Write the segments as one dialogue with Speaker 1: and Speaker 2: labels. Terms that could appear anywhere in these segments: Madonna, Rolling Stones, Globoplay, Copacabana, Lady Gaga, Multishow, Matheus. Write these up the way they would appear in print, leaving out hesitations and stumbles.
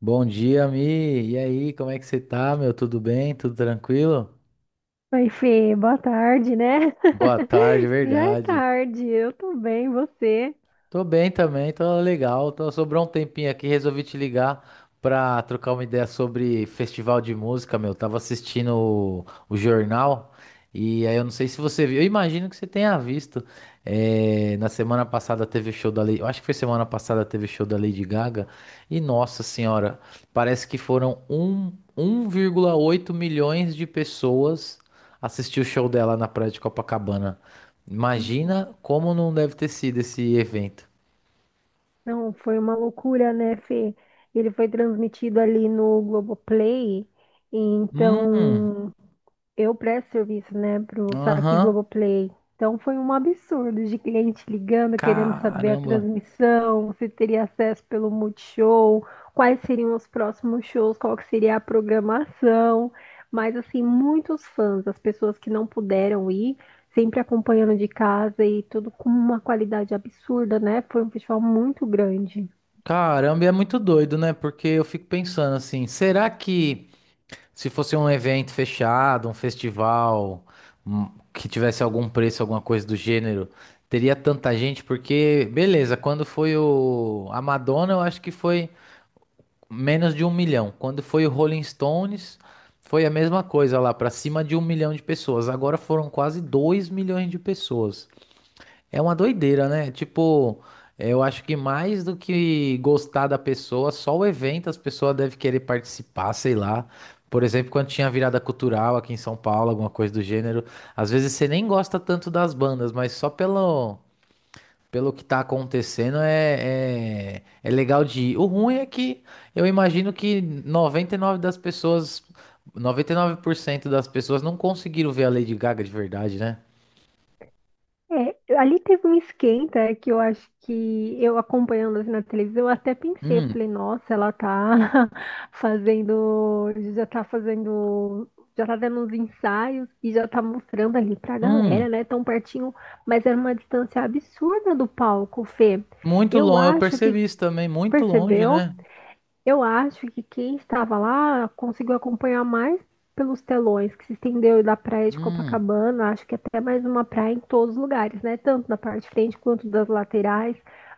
Speaker 1: Bom dia, Mi. E aí, como é que você tá, meu? Tudo bem? Tudo tranquilo?
Speaker 2: Oi, Fê, boa tarde, né?
Speaker 1: Boa tarde, é
Speaker 2: Já é
Speaker 1: verdade.
Speaker 2: tarde, eu tô bem, você?
Speaker 1: Tô bem também, tô legal. Tô, sobrou um tempinho aqui, resolvi te ligar pra trocar uma ideia sobre festival de música, meu. Tava assistindo o jornal e aí eu não sei se você viu. Eu imagino que você tenha visto. É, na semana passada teve o show da Lady, eu acho que foi semana passada teve o show da Lady Gaga e nossa senhora, parece que foram 1,8 milhões de pessoas assistir o show dela na praia de Copacabana.
Speaker 2: Uhum.
Speaker 1: Imagina como não deve ter sido esse evento.
Speaker 2: Não, foi uma loucura, né, Fê? Ele foi transmitido ali no Globoplay,
Speaker 1: Hum,
Speaker 2: então eu presto serviço, né, pro saque
Speaker 1: aham.
Speaker 2: Globoplay. Então foi um absurdo de cliente ligando, querendo saber a
Speaker 1: Caramba.
Speaker 2: transmissão, se teria acesso pelo Multishow, quais seriam os próximos shows, qual que seria a programação. Mas assim, muitos fãs, as pessoas que não puderam ir, sempre acompanhando de casa e tudo com uma qualidade absurda, né? Foi um festival muito grande.
Speaker 1: Caramba, e é muito doido, né? Porque eu fico pensando assim, será que se fosse um evento fechado, um festival, que tivesse algum preço, alguma coisa do gênero, teria tanta gente? Porque, beleza, quando foi o a Madonna, eu acho que foi menos de um milhão. Quando foi o Rolling Stones, foi a mesma coisa lá, pra cima de um milhão de pessoas. Agora foram quase dois milhões de pessoas. É uma doideira, né? Tipo, eu acho que mais do que gostar da pessoa, só o evento as pessoas devem querer participar, sei lá. Por exemplo, quando tinha virada cultural aqui em São Paulo, alguma coisa do gênero, às vezes você nem gosta tanto das bandas, mas só pelo, pelo que tá acontecendo é legal de ir. O ruim é que eu imagino que 99% das pessoas não conseguiram ver a Lady Gaga de verdade, né?
Speaker 2: É, ali teve um esquenta que eu acho que eu acompanhando assim, na televisão, eu até pensei, eu
Speaker 1: Hum,
Speaker 2: falei, nossa, ela tá fazendo, já tá dando uns ensaios e já tá mostrando ali pra
Speaker 1: hum.
Speaker 2: galera, né, tão pertinho, mas era uma distância absurda do palco, Fê.
Speaker 1: Muito
Speaker 2: Eu
Speaker 1: longe, eu
Speaker 2: acho que,
Speaker 1: percebi isso também, muito longe,
Speaker 2: percebeu?
Speaker 1: né?
Speaker 2: Eu acho que quem estava lá conseguiu acompanhar mais pelos telões que se estendeu da praia de
Speaker 1: Hum,
Speaker 2: Copacabana, acho que até mais uma praia em todos os lugares, né? Tanto da parte de frente quanto das laterais,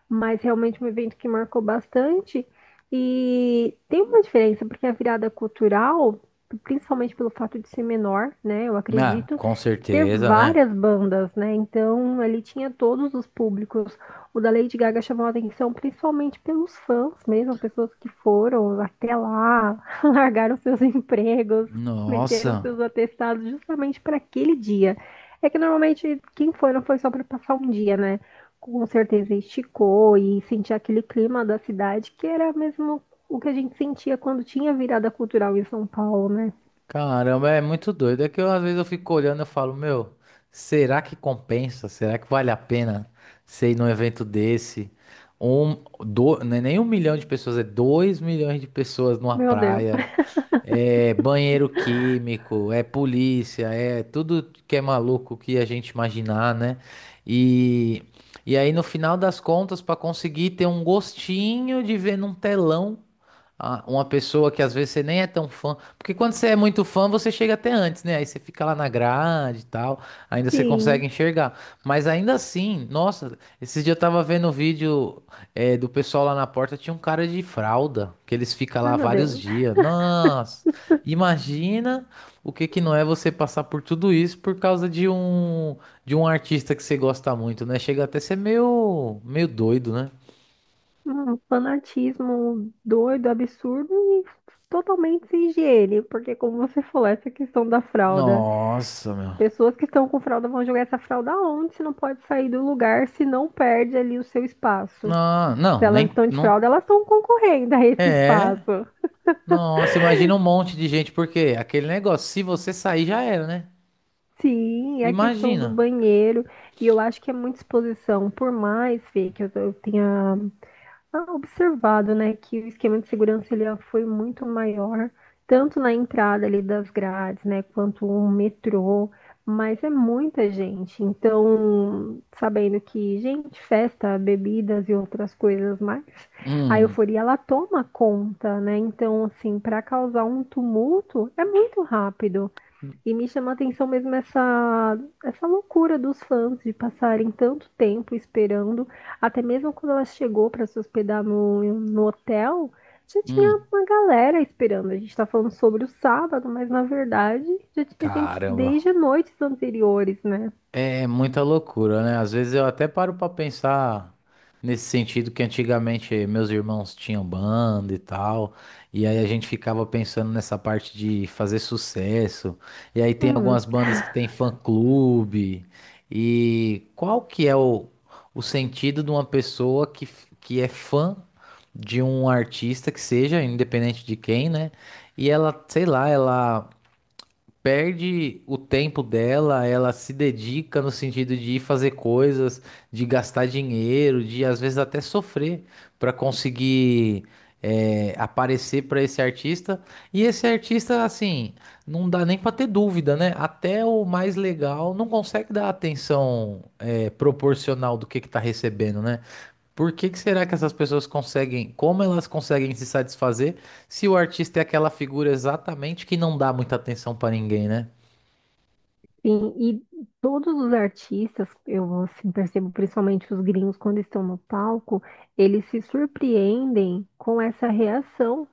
Speaker 2: mas realmente um evento que marcou bastante. E tem uma diferença, porque a virada cultural, principalmente pelo fato de ser menor, né? Eu
Speaker 1: ah,
Speaker 2: acredito,
Speaker 1: com
Speaker 2: ter
Speaker 1: certeza, né?
Speaker 2: várias bandas, né? Então ali tinha todos os públicos. O da Lady Gaga chamou a atenção principalmente pelos fãs mesmo, pessoas que foram até lá, largaram seus empregos, meteram
Speaker 1: Nossa,
Speaker 2: seus atestados justamente para aquele dia. É que normalmente quem foi não foi só para passar um dia, né? Com certeza esticou e sentia aquele clima da cidade que era mesmo o que a gente sentia quando tinha virada cultural em São Paulo, né?
Speaker 1: caramba, é muito doido. É que eu, às vezes eu fico olhando e falo, meu, será que compensa? Será que vale a pena você ir num evento desse? Um, não é nem um milhão de pessoas, é dois milhões de pessoas numa
Speaker 2: Meu Deus.
Speaker 1: praia. É banheiro químico, é polícia, é tudo que é maluco que a gente imaginar, né? E, e aí, no final das contas, para conseguir ter um gostinho de ver num telão uma pessoa que às vezes você nem é tão fã, porque quando você é muito fã, você chega até antes, né? Aí você fica lá na grade e tal, ainda você
Speaker 2: Sim.
Speaker 1: consegue enxergar. Mas ainda assim, nossa, esses dias eu tava vendo um vídeo. É, do pessoal lá na porta tinha um cara de fralda, que eles ficam
Speaker 2: Ai,
Speaker 1: lá
Speaker 2: meu
Speaker 1: vários
Speaker 2: Deus.
Speaker 1: dias. Nossa, imagina o que que não é você passar por tudo isso por causa de um artista que você gosta muito, né? Chega até a ser meio doido, né?
Speaker 2: Um fanatismo doido, absurdo e totalmente sem higiene, porque como você falou, essa questão da fralda,
Speaker 1: Nossa, meu.
Speaker 2: pessoas que estão com fralda vão jogar essa fralda onde? Se não pode sair do lugar, se não perde ali o seu espaço.
Speaker 1: Não,
Speaker 2: Se
Speaker 1: não,
Speaker 2: elas
Speaker 1: nem
Speaker 2: estão de
Speaker 1: não
Speaker 2: fralda, elas estão concorrendo a esse
Speaker 1: é.
Speaker 2: espaço.
Speaker 1: Nossa, imagina um monte de gente porque aquele negócio, se você sair já era, né?
Speaker 2: Sim, é a questão do
Speaker 1: Imagina.
Speaker 2: banheiro, e eu acho que é muita exposição, por mais, Fê, que eu tenha, ah, observado, né, que o esquema de segurança ele foi muito maior, tanto na entrada ali das grades, né, quanto o metrô, mas é muita gente. Então, sabendo que, gente, festa, bebidas e outras coisas mais, a
Speaker 1: Hum.
Speaker 2: euforia ela toma conta, né? Então, assim, para causar um tumulto é muito rápido. E me chama a atenção mesmo essa, essa loucura dos fãs de passarem tanto tempo esperando. Até mesmo quando ela chegou para se hospedar no hotel, já tinha
Speaker 1: Hum.
Speaker 2: uma galera esperando. A gente está falando sobre o sábado, mas na verdade já tinha gente
Speaker 1: Caramba.
Speaker 2: desde noites anteriores, né?
Speaker 1: É muita loucura, né? Às vezes eu até paro pra pensar nesse sentido que antigamente meus irmãos tinham banda e tal, e aí a gente ficava pensando nessa parte de fazer sucesso. E aí tem
Speaker 2: Hum,
Speaker 1: algumas bandas que tem fã-clube. E qual que é o sentido de uma pessoa que é fã de um artista que seja, independente de quem, né? E ela, sei lá, ela perde o tempo dela, ela se dedica no sentido de ir fazer coisas, de gastar dinheiro, de às vezes até sofrer para conseguir aparecer para esse artista. E esse artista, assim, não dá nem para ter dúvida, né? Até o mais legal não consegue dar atenção proporcional do que tá recebendo, né? Por que que será que essas pessoas conseguem, como elas conseguem se satisfazer se o artista é aquela figura exatamente que não dá muita atenção pra ninguém, né?
Speaker 2: sim, e todos os artistas, eu assim, percebo principalmente os gringos quando estão no palco, eles se surpreendem com essa reação,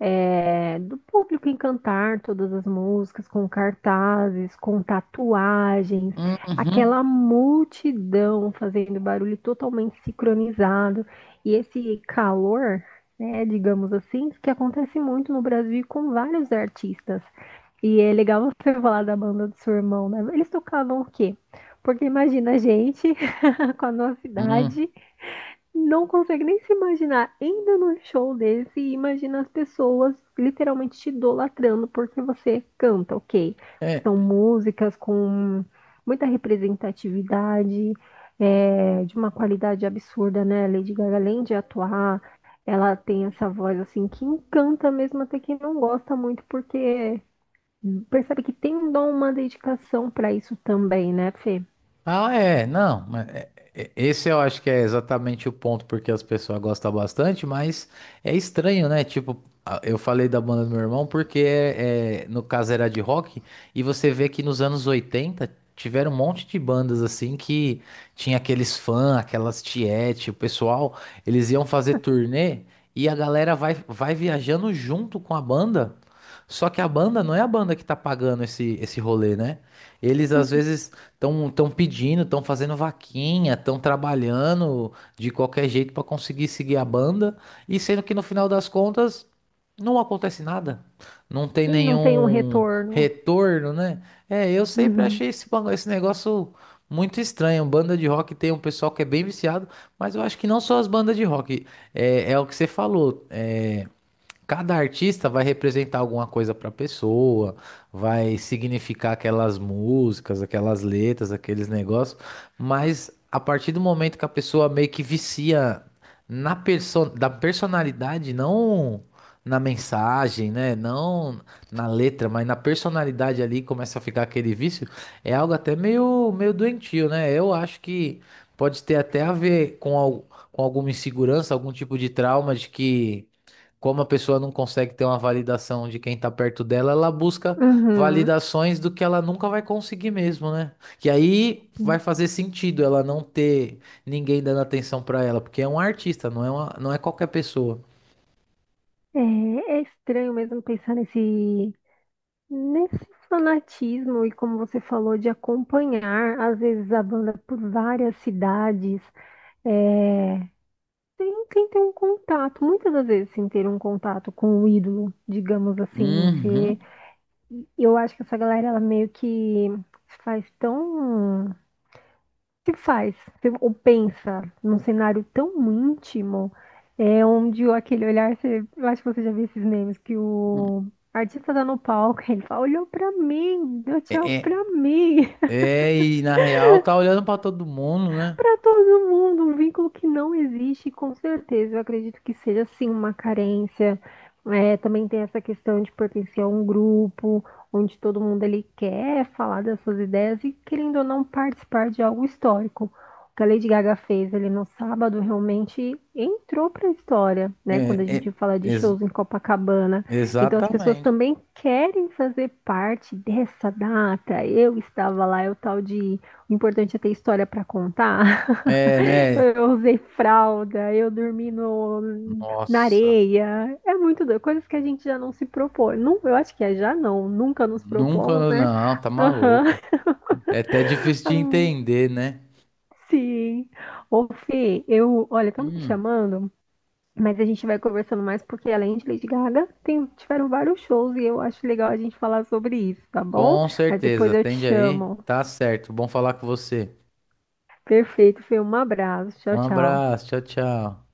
Speaker 2: é, do público encantar todas as músicas, com cartazes, com tatuagens,
Speaker 1: Uhum.
Speaker 2: aquela multidão fazendo barulho totalmente sincronizado, e esse calor, né, digamos assim, que acontece muito no Brasil e com vários artistas. E é legal você falar da banda do seu irmão, né? Eles tocavam o quê? Porque imagina a gente com a nossa
Speaker 1: Hum.
Speaker 2: idade não consegue nem se imaginar ainda num show desse e imagina as pessoas literalmente te idolatrando porque você canta, ok? São
Speaker 1: É.
Speaker 2: músicas com muita representatividade, é, de uma qualidade absurda, né? Lady Gaga, além de atuar, ela tem essa voz assim que encanta mesmo até quem não gosta muito, porque percebe que tem um dom, uma dedicação para isso também, né, Fê?
Speaker 1: Ah, é, não, esse eu acho que é exatamente o ponto porque as pessoas gostam bastante, mas é estranho, né? Tipo, eu falei da banda do meu irmão porque no caso era de rock, e você vê que nos anos 80 tiveram um monte de bandas assim que tinha aqueles fãs, aquelas tiete, o pessoal, eles iam fazer turnê e a galera vai, vai viajando junto com a banda. Só que a banda não é a banda que tá pagando esse rolê, né? Eles às
Speaker 2: Uhum.
Speaker 1: vezes. Estão pedindo, estão fazendo vaquinha, estão trabalhando de qualquer jeito para conseguir seguir a banda, e sendo que no final das contas não acontece nada, não tem
Speaker 2: E não tem um
Speaker 1: nenhum
Speaker 2: retorno.
Speaker 1: retorno, né? É, eu sempre
Speaker 2: Uhum.
Speaker 1: achei esse negócio muito estranho. Banda de rock tem um pessoal que é bem viciado, mas eu acho que não só as bandas de rock, é o que você falou. Cada artista vai representar alguma coisa para a pessoa, vai significar aquelas músicas, aquelas letras, aqueles negócios, mas a partir do momento que a pessoa meio que vicia na perso da personalidade, não na mensagem, né? Não na letra, mas na personalidade ali começa a ficar aquele vício, é algo até meio doentio, né? Eu acho que pode ter até a ver com alguma insegurança, algum tipo de trauma de que. Como a pessoa não consegue ter uma validação de quem tá perto dela, ela busca
Speaker 2: Uhum.
Speaker 1: validações do que ela nunca vai conseguir mesmo, né? Que aí vai fazer sentido ela não ter ninguém dando atenção pra ela, porque é um artista, não é não é qualquer pessoa.
Speaker 2: É, é estranho mesmo pensar nesse, nesse fanatismo e como você falou, de acompanhar às vezes a banda por várias cidades, é, sem ter um contato, muitas das vezes sem ter um contato com o ídolo, digamos assim.
Speaker 1: Uhum.
Speaker 2: Você, eu acho que essa galera ela meio que faz tão que faz se- ou pensa num cenário tão íntimo, é onde o- aquele olhar, você- eu acho que você já viu esses memes, que o artista tá no palco, ele fala, olhou pra mim, deu tchau
Speaker 1: É,
Speaker 2: pra
Speaker 1: é,
Speaker 2: mim.
Speaker 1: é, e na real tá olhando pra todo mundo, né?
Speaker 2: Para todo mundo, um vínculo que não existe, com certeza. Eu acredito que seja sim uma carência. É, também tem essa questão de pertencer a um grupo, onde todo mundo ele quer falar das suas ideias e querendo ou não participar de algo histórico. O que a Lady Gaga fez ali no sábado realmente entrou para a história, né? Quando a
Speaker 1: É, é,
Speaker 2: gente fala de
Speaker 1: ex-
Speaker 2: shows em Copacabana. Então as pessoas
Speaker 1: exatamente.
Speaker 2: também querem fazer parte dessa data. Eu estava lá, é o tal de o importante é ter história para contar.
Speaker 1: É,
Speaker 2: Então
Speaker 1: né?
Speaker 2: eu usei fralda, eu dormi no, na
Speaker 1: Nossa,
Speaker 2: areia. É muito doido, coisas que a gente já não se propõe. Não, eu acho que é já não, nunca nos propomos,
Speaker 1: nunca,
Speaker 2: né?
Speaker 1: não, tá
Speaker 2: Aham.
Speaker 1: maluco. É até difícil de entender, né?
Speaker 2: Sim. Ô, Fê, eu, olha, estão me chamando, mas a gente vai conversando mais porque além de Lady Gaga, tem- tiveram vários shows e eu acho legal a gente falar sobre isso, tá bom?
Speaker 1: Com
Speaker 2: Mas
Speaker 1: certeza,
Speaker 2: depois eu te
Speaker 1: atende aí.
Speaker 2: chamo.
Speaker 1: Tá certo. Bom falar com você.
Speaker 2: Perfeito, Fê, um abraço.
Speaker 1: Um
Speaker 2: Tchau, tchau.
Speaker 1: abraço, tchau, tchau.